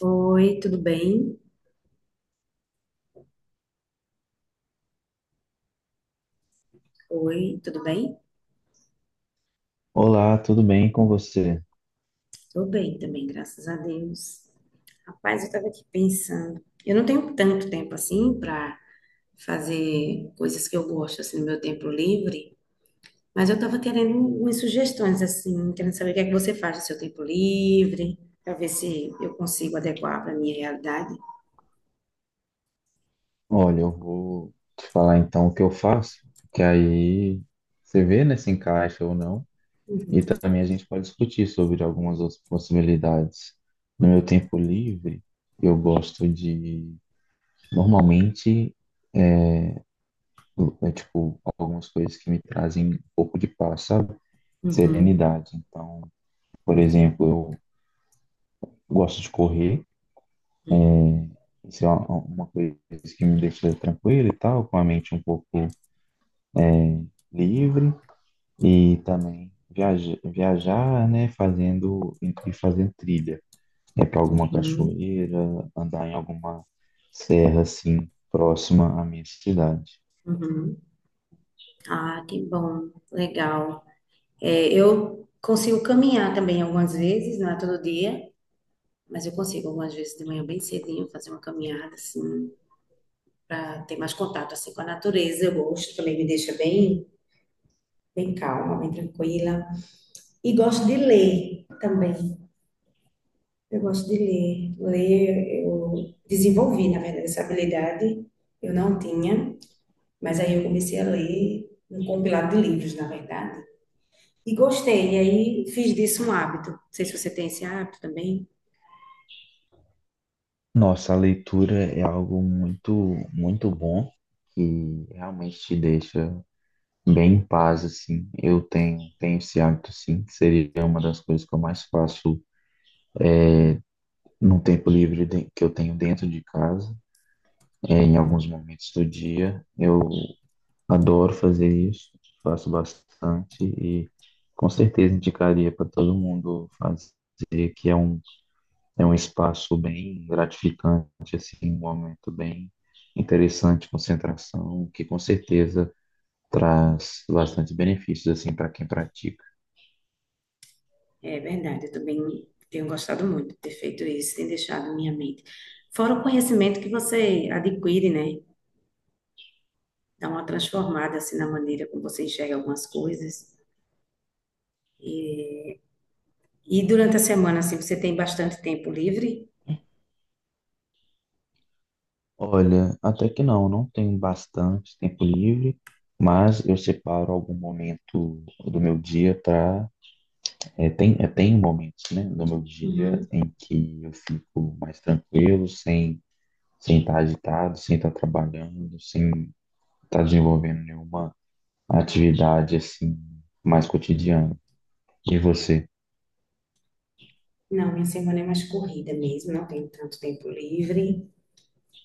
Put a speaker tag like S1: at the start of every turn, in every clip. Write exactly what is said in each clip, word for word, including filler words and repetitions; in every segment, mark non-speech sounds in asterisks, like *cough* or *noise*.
S1: Oi, tudo bem? Oi, tudo bem?
S2: Olá, tudo bem com você?
S1: Tô bem também, graças a Deus. Rapaz, eu tava aqui pensando. Eu não tenho tanto tempo assim para fazer coisas que eu gosto assim no meu tempo livre, mas eu tava querendo umas sugestões assim, querendo saber o que é que você faz no seu tempo livre, para ver se eu consigo adequar para minha realidade.
S2: Olha, eu vou te falar então o que eu faço, que aí você vê, né, se encaixa ou não, e também a gente pode discutir sobre algumas outras possibilidades. No meu tempo livre, eu gosto de, normalmente, é é, tipo, algumas coisas que me trazem um pouco de paz, sabe?
S1: Uhum,
S2: Serenidade. Então, por exemplo, eu gosto de correr, isso é uma uma coisa que me deixa tranquilo e tal, com a mente um pouco livre. E também viaja, viajar, né, fazendo e fazendo trilha. É para alguma
S1: uhum,
S2: cachoeira, andar em alguma serra assim próxima à minha cidade.
S1: uhum. Ah, que bom, legal. É, eu consigo caminhar também algumas vezes, não é todo dia. Mas eu consigo algumas vezes de manhã bem cedinho fazer uma caminhada assim para ter mais contato assim com a natureza. Eu gosto, também me deixa bem, bem calma, bem tranquila. E gosto de ler também. Eu gosto de ler. Ler eu desenvolvi, na verdade, essa habilidade. Eu não tinha, mas aí eu comecei a ler um compilado de livros, na verdade. E gostei, e aí fiz disso um hábito. Não sei se você tem esse hábito também.
S2: Nossa, a leitura é algo muito, muito bom que realmente te deixa bem em paz assim. Eu tenho, tenho esse hábito sim, que seria uma das coisas que eu mais faço no tempo livre de- que eu tenho dentro de casa. É, em alguns momentos do dia, eu adoro fazer isso, faço bastante e com certeza indicaria para todo mundo fazer, que é um, é um espaço bem gratificante, assim, um momento bem interessante, de concentração, que com certeza traz bastante benefícios assim para quem pratica.
S1: É verdade, eu também tenho gostado muito de ter feito isso, tem deixado minha mente. Fora o conhecimento que você adquire, né? Dá uma transformada assim na maneira como você enxerga algumas coisas. E, e durante a semana, assim, você tem bastante tempo livre?
S2: Olha, até que não, não tenho bastante tempo livre, mas eu separo algum momento do meu dia para é, tem, eu tenho momentos, né, no meu dia
S1: Uhum.
S2: em que eu fico mais tranquilo, sem sem estar agitado, sem estar trabalhando, sem estar desenvolvendo nenhuma atividade assim mais cotidiana. E você?
S1: Não, minha semana é mais corrida mesmo, não tenho tanto tempo livre.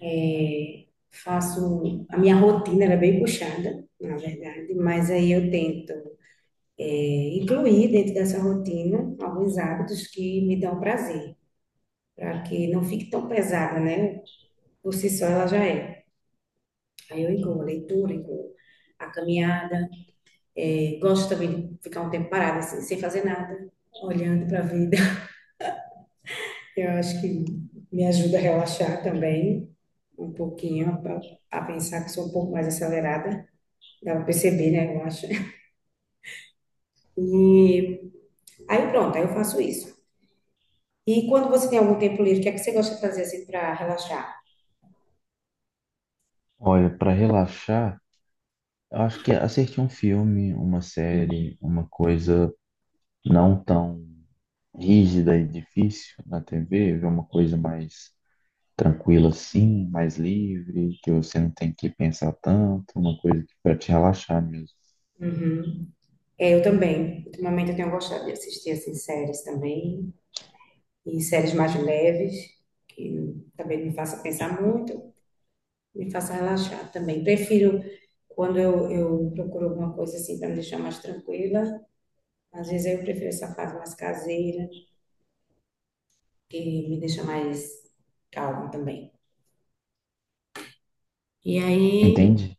S1: É, faço, a minha rotina era bem puxada, na verdade, mas aí eu tento. é, Incluir dentro dessa rotina alguns hábitos que me dão prazer, para que não fique tão pesada, né? Por si só ela já é. Aí eu incluo a leitura, incluo a caminhada, é, gosto também de ficar um tempo parada, assim, sem fazer nada, olhando para a vida. *laughs* Eu acho que me ajuda a relaxar também um pouquinho, pra- a pensar que sou um pouco mais acelerada, dá para perceber, né? Eu acho. *laughs* E aí pronto, aí eu faço isso. E quando você tem algum tempo livre, o que é que você gosta de fazer assim para relaxar?
S2: Olha, para relaxar, eu acho que assistir um filme, uma série, uma coisa não tão rígida e difícil na T V, ver uma coisa mais tranquilo assim, mais livre, que você não tem que pensar tanto, uma coisa que para te relaxar mesmo.
S1: Uhum. É, eu também. Ultimamente eu tenho gostado de assistir assim séries também, e séries mais leves, que também não me faça pensar muito, me faça relaxar também. Prefiro quando eu, eu procuro alguma coisa assim para me deixar mais tranquila, às vezes eu prefiro essa fase mais caseira, que me deixa mais calma também. E aí
S2: Entende?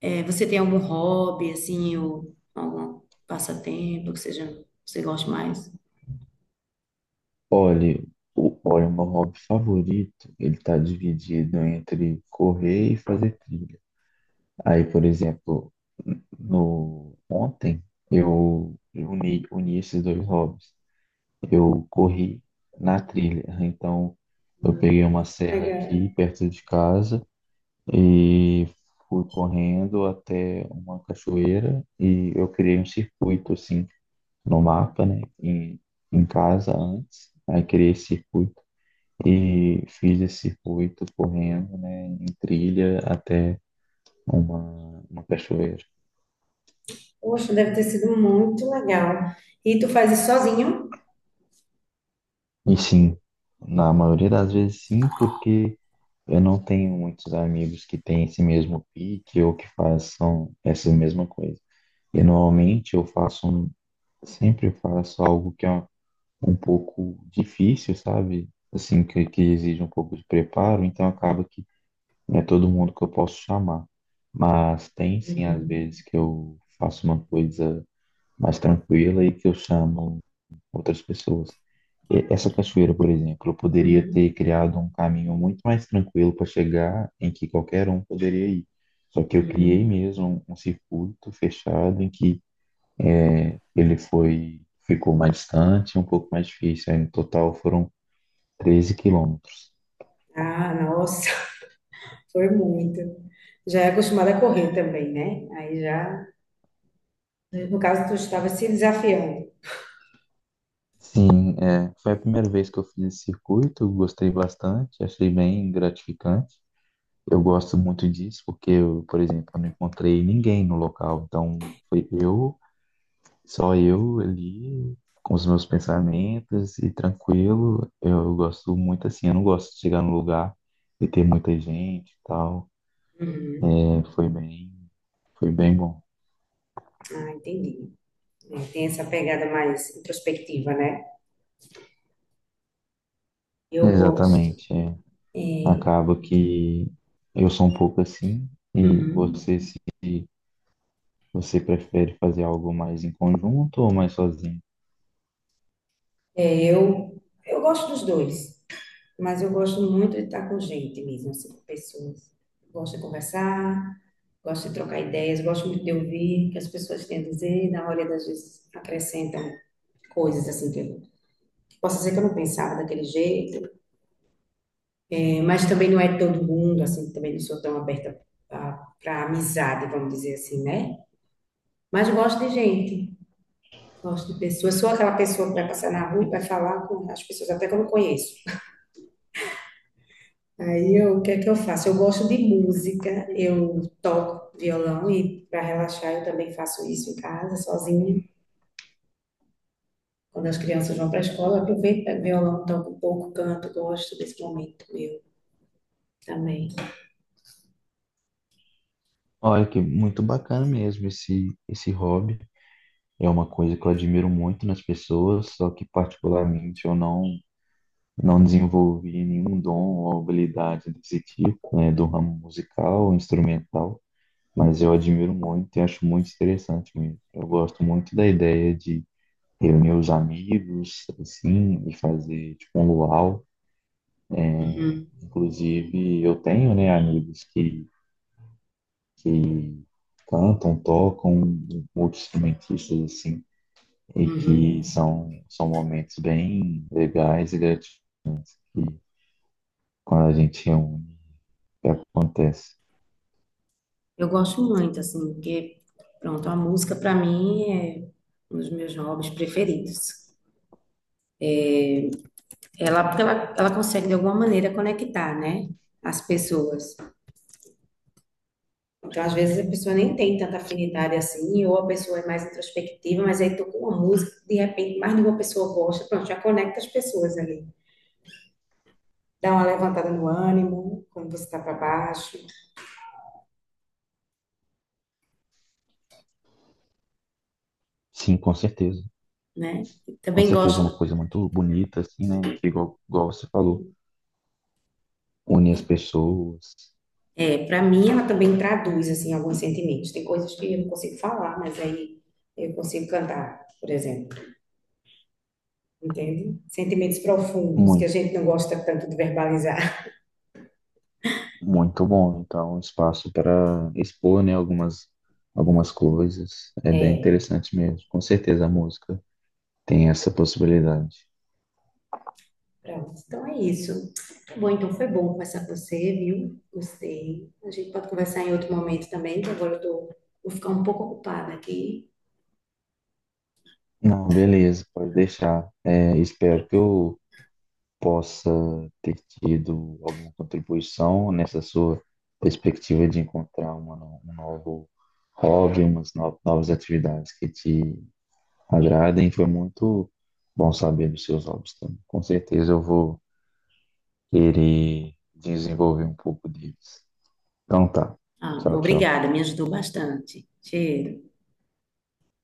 S1: é, você tem algum hobby, assim, ou algum passatempo que seja, você goste mais?
S2: Olha, o, olha, o meu hobby favorito, ele tá dividido entre correr e fazer trilha. Aí, por exemplo, no ontem eu eu uni, uni esses dois hobbies. Eu corri na trilha, então eu peguei uma serra
S1: Legal.
S2: aqui perto de casa e fui correndo até uma cachoeira e eu criei um circuito, assim, no mapa, né? Em, em casa antes. Aí criei esse circuito e fiz esse circuito correndo, né? Em trilha até uma, uma cachoeira.
S1: Poxa, deve ter sido muito legal. E tu faz isso sozinho?
S2: E sim, na maioria das vezes sim, porque eu não tenho muitos amigos que têm esse mesmo pique ou que façam essa mesma coisa. E normalmente eu faço um, sempre faço algo que é um um pouco difícil, sabe? Assim, que, que exige um pouco de preparo, então acaba que não é todo mundo que eu posso chamar. Mas tem sim, às
S1: Uhum,
S2: vezes, que eu faço uma coisa mais tranquila e que eu chamo outras pessoas. E essa cachoeira, por exemplo, eu poderia
S1: uhum,
S2: ter criado um caminho muito mais tranquilo para chegar em que qualquer um poderia ir. Só que eu criei
S1: uhum.
S2: mesmo um um circuito fechado em que ele foi, ficou mais distante, um pouco mais difícil. Aí, no total foram treze quilômetros.
S1: Ah, nossa, *laughs* foi muito. Já é acostumada a correr também, né? Aí já, no caso, tu estava se desafiando.
S2: Sim, é, foi a primeira vez que eu fiz esse circuito, gostei bastante, achei bem gratificante. Eu gosto muito disso porque, eu, por exemplo, eu não encontrei ninguém no local, então foi eu, só eu ali, com os meus pensamentos e tranquilo. Eu gosto muito assim, eu não gosto de chegar no lugar e ter muita gente e tal.
S1: Uhum.
S2: É, foi bem, foi bem bom.
S1: Ah, entendi. É, tem essa pegada mais introspectiva, né? Eu gosto.
S2: Exatamente. É.
S1: É,
S2: Acaba que eu sou um pouco assim, e
S1: uhum.
S2: você se você prefere fazer algo mais em conjunto ou mais sozinho?
S1: Eu, eu gosto dos dois, mas eu gosto muito de estar com gente mesmo, assim, com pessoas. Gosto de conversar, gosto de trocar ideias, gosto muito de ouvir o que as pessoas têm a dizer, e na hora das vezes acrescentam coisas assim que eu posso dizer que eu não pensava daquele jeito, eh, mas também não é todo mundo, assim, também não sou tão aberta para amizade, vamos dizer assim, né? Mas gosto de gente, gosto de pessoas, sou aquela pessoa que vai passar na rua e vai falar com as pessoas até que eu não conheço. Aí eu, o que é que eu faço? Eu gosto de música, eu toco violão e para relaxar eu também faço isso em casa, sozinha. Quando as crianças vão para a escola, eu aproveito, pego violão, toco um pouco, canto, gosto desse momento meu também.
S2: Olha que muito bacana mesmo esse esse hobby. É uma coisa que eu admiro muito nas pessoas, só que particularmente eu não não desenvolvi nenhum dom ou habilidade desse tipo, né, do ramo musical ou instrumental, mas eu admiro muito e acho muito interessante mesmo. Eu gosto muito da ideia de reunir os amigos, assim, e fazer tipo um luau.
S1: Uhum,
S2: Inclusive, eu tenho, né, amigos que, que cantam, tocam, multi-instrumentistas, assim, e que
S1: uhum.
S2: são, são momentos bem legais e gratificantes quando a gente reúne, que acontece.
S1: Eu gosto muito, assim, porque, pronto, a música para mim é um dos meus hobbies preferidos. Ela, porque ela, ela consegue, de alguma maneira, conectar, né, as pessoas. Então, às vezes a pessoa nem tem tanta afinidade assim, ou a pessoa é mais introspectiva, mas aí toca uma música, que, de repente mais de uma pessoa gosta, pronto, já conecta as pessoas ali. Dá uma levantada no ânimo, quando você está para baixo,
S2: Sim, com certeza.
S1: né?
S2: Com
S1: Também
S2: certeza é uma
S1: gosto,
S2: coisa muito bonita, assim, né, que igual, igual você falou, une as pessoas,
S1: é, para mim ela também traduz assim alguns sentimentos. Tem coisas que eu não consigo falar, mas aí eu consigo cantar, por exemplo. Entende? Sentimentos profundos que a
S2: muito.
S1: gente não gosta tanto de verbalizar.
S2: Muito bom, então, um espaço para expor, né, algumas, algumas coisas. É bem
S1: É.
S2: interessante mesmo. Com certeza a música tem essa possibilidade.
S1: Pronto, então é isso. Muito bom, então foi bom conversar com você, viu? Gostei. A gente pode conversar em outro momento também, que agora eu tô, vou ficar um pouco ocupada aqui.
S2: Não, beleza, pode deixar. É, espero que eu possa ter tido alguma contribuição nessa sua perspectiva de encontrar uma, no- um novo hobby, umas no- novas atividades que te agradem. Foi muito bom saber dos seus hobbies também. Com certeza eu vou querer desenvolver um pouco deles. Então tá.
S1: Ah,
S2: Tchau, tchau.
S1: obrigada, me ajudou bastante. Cheiro.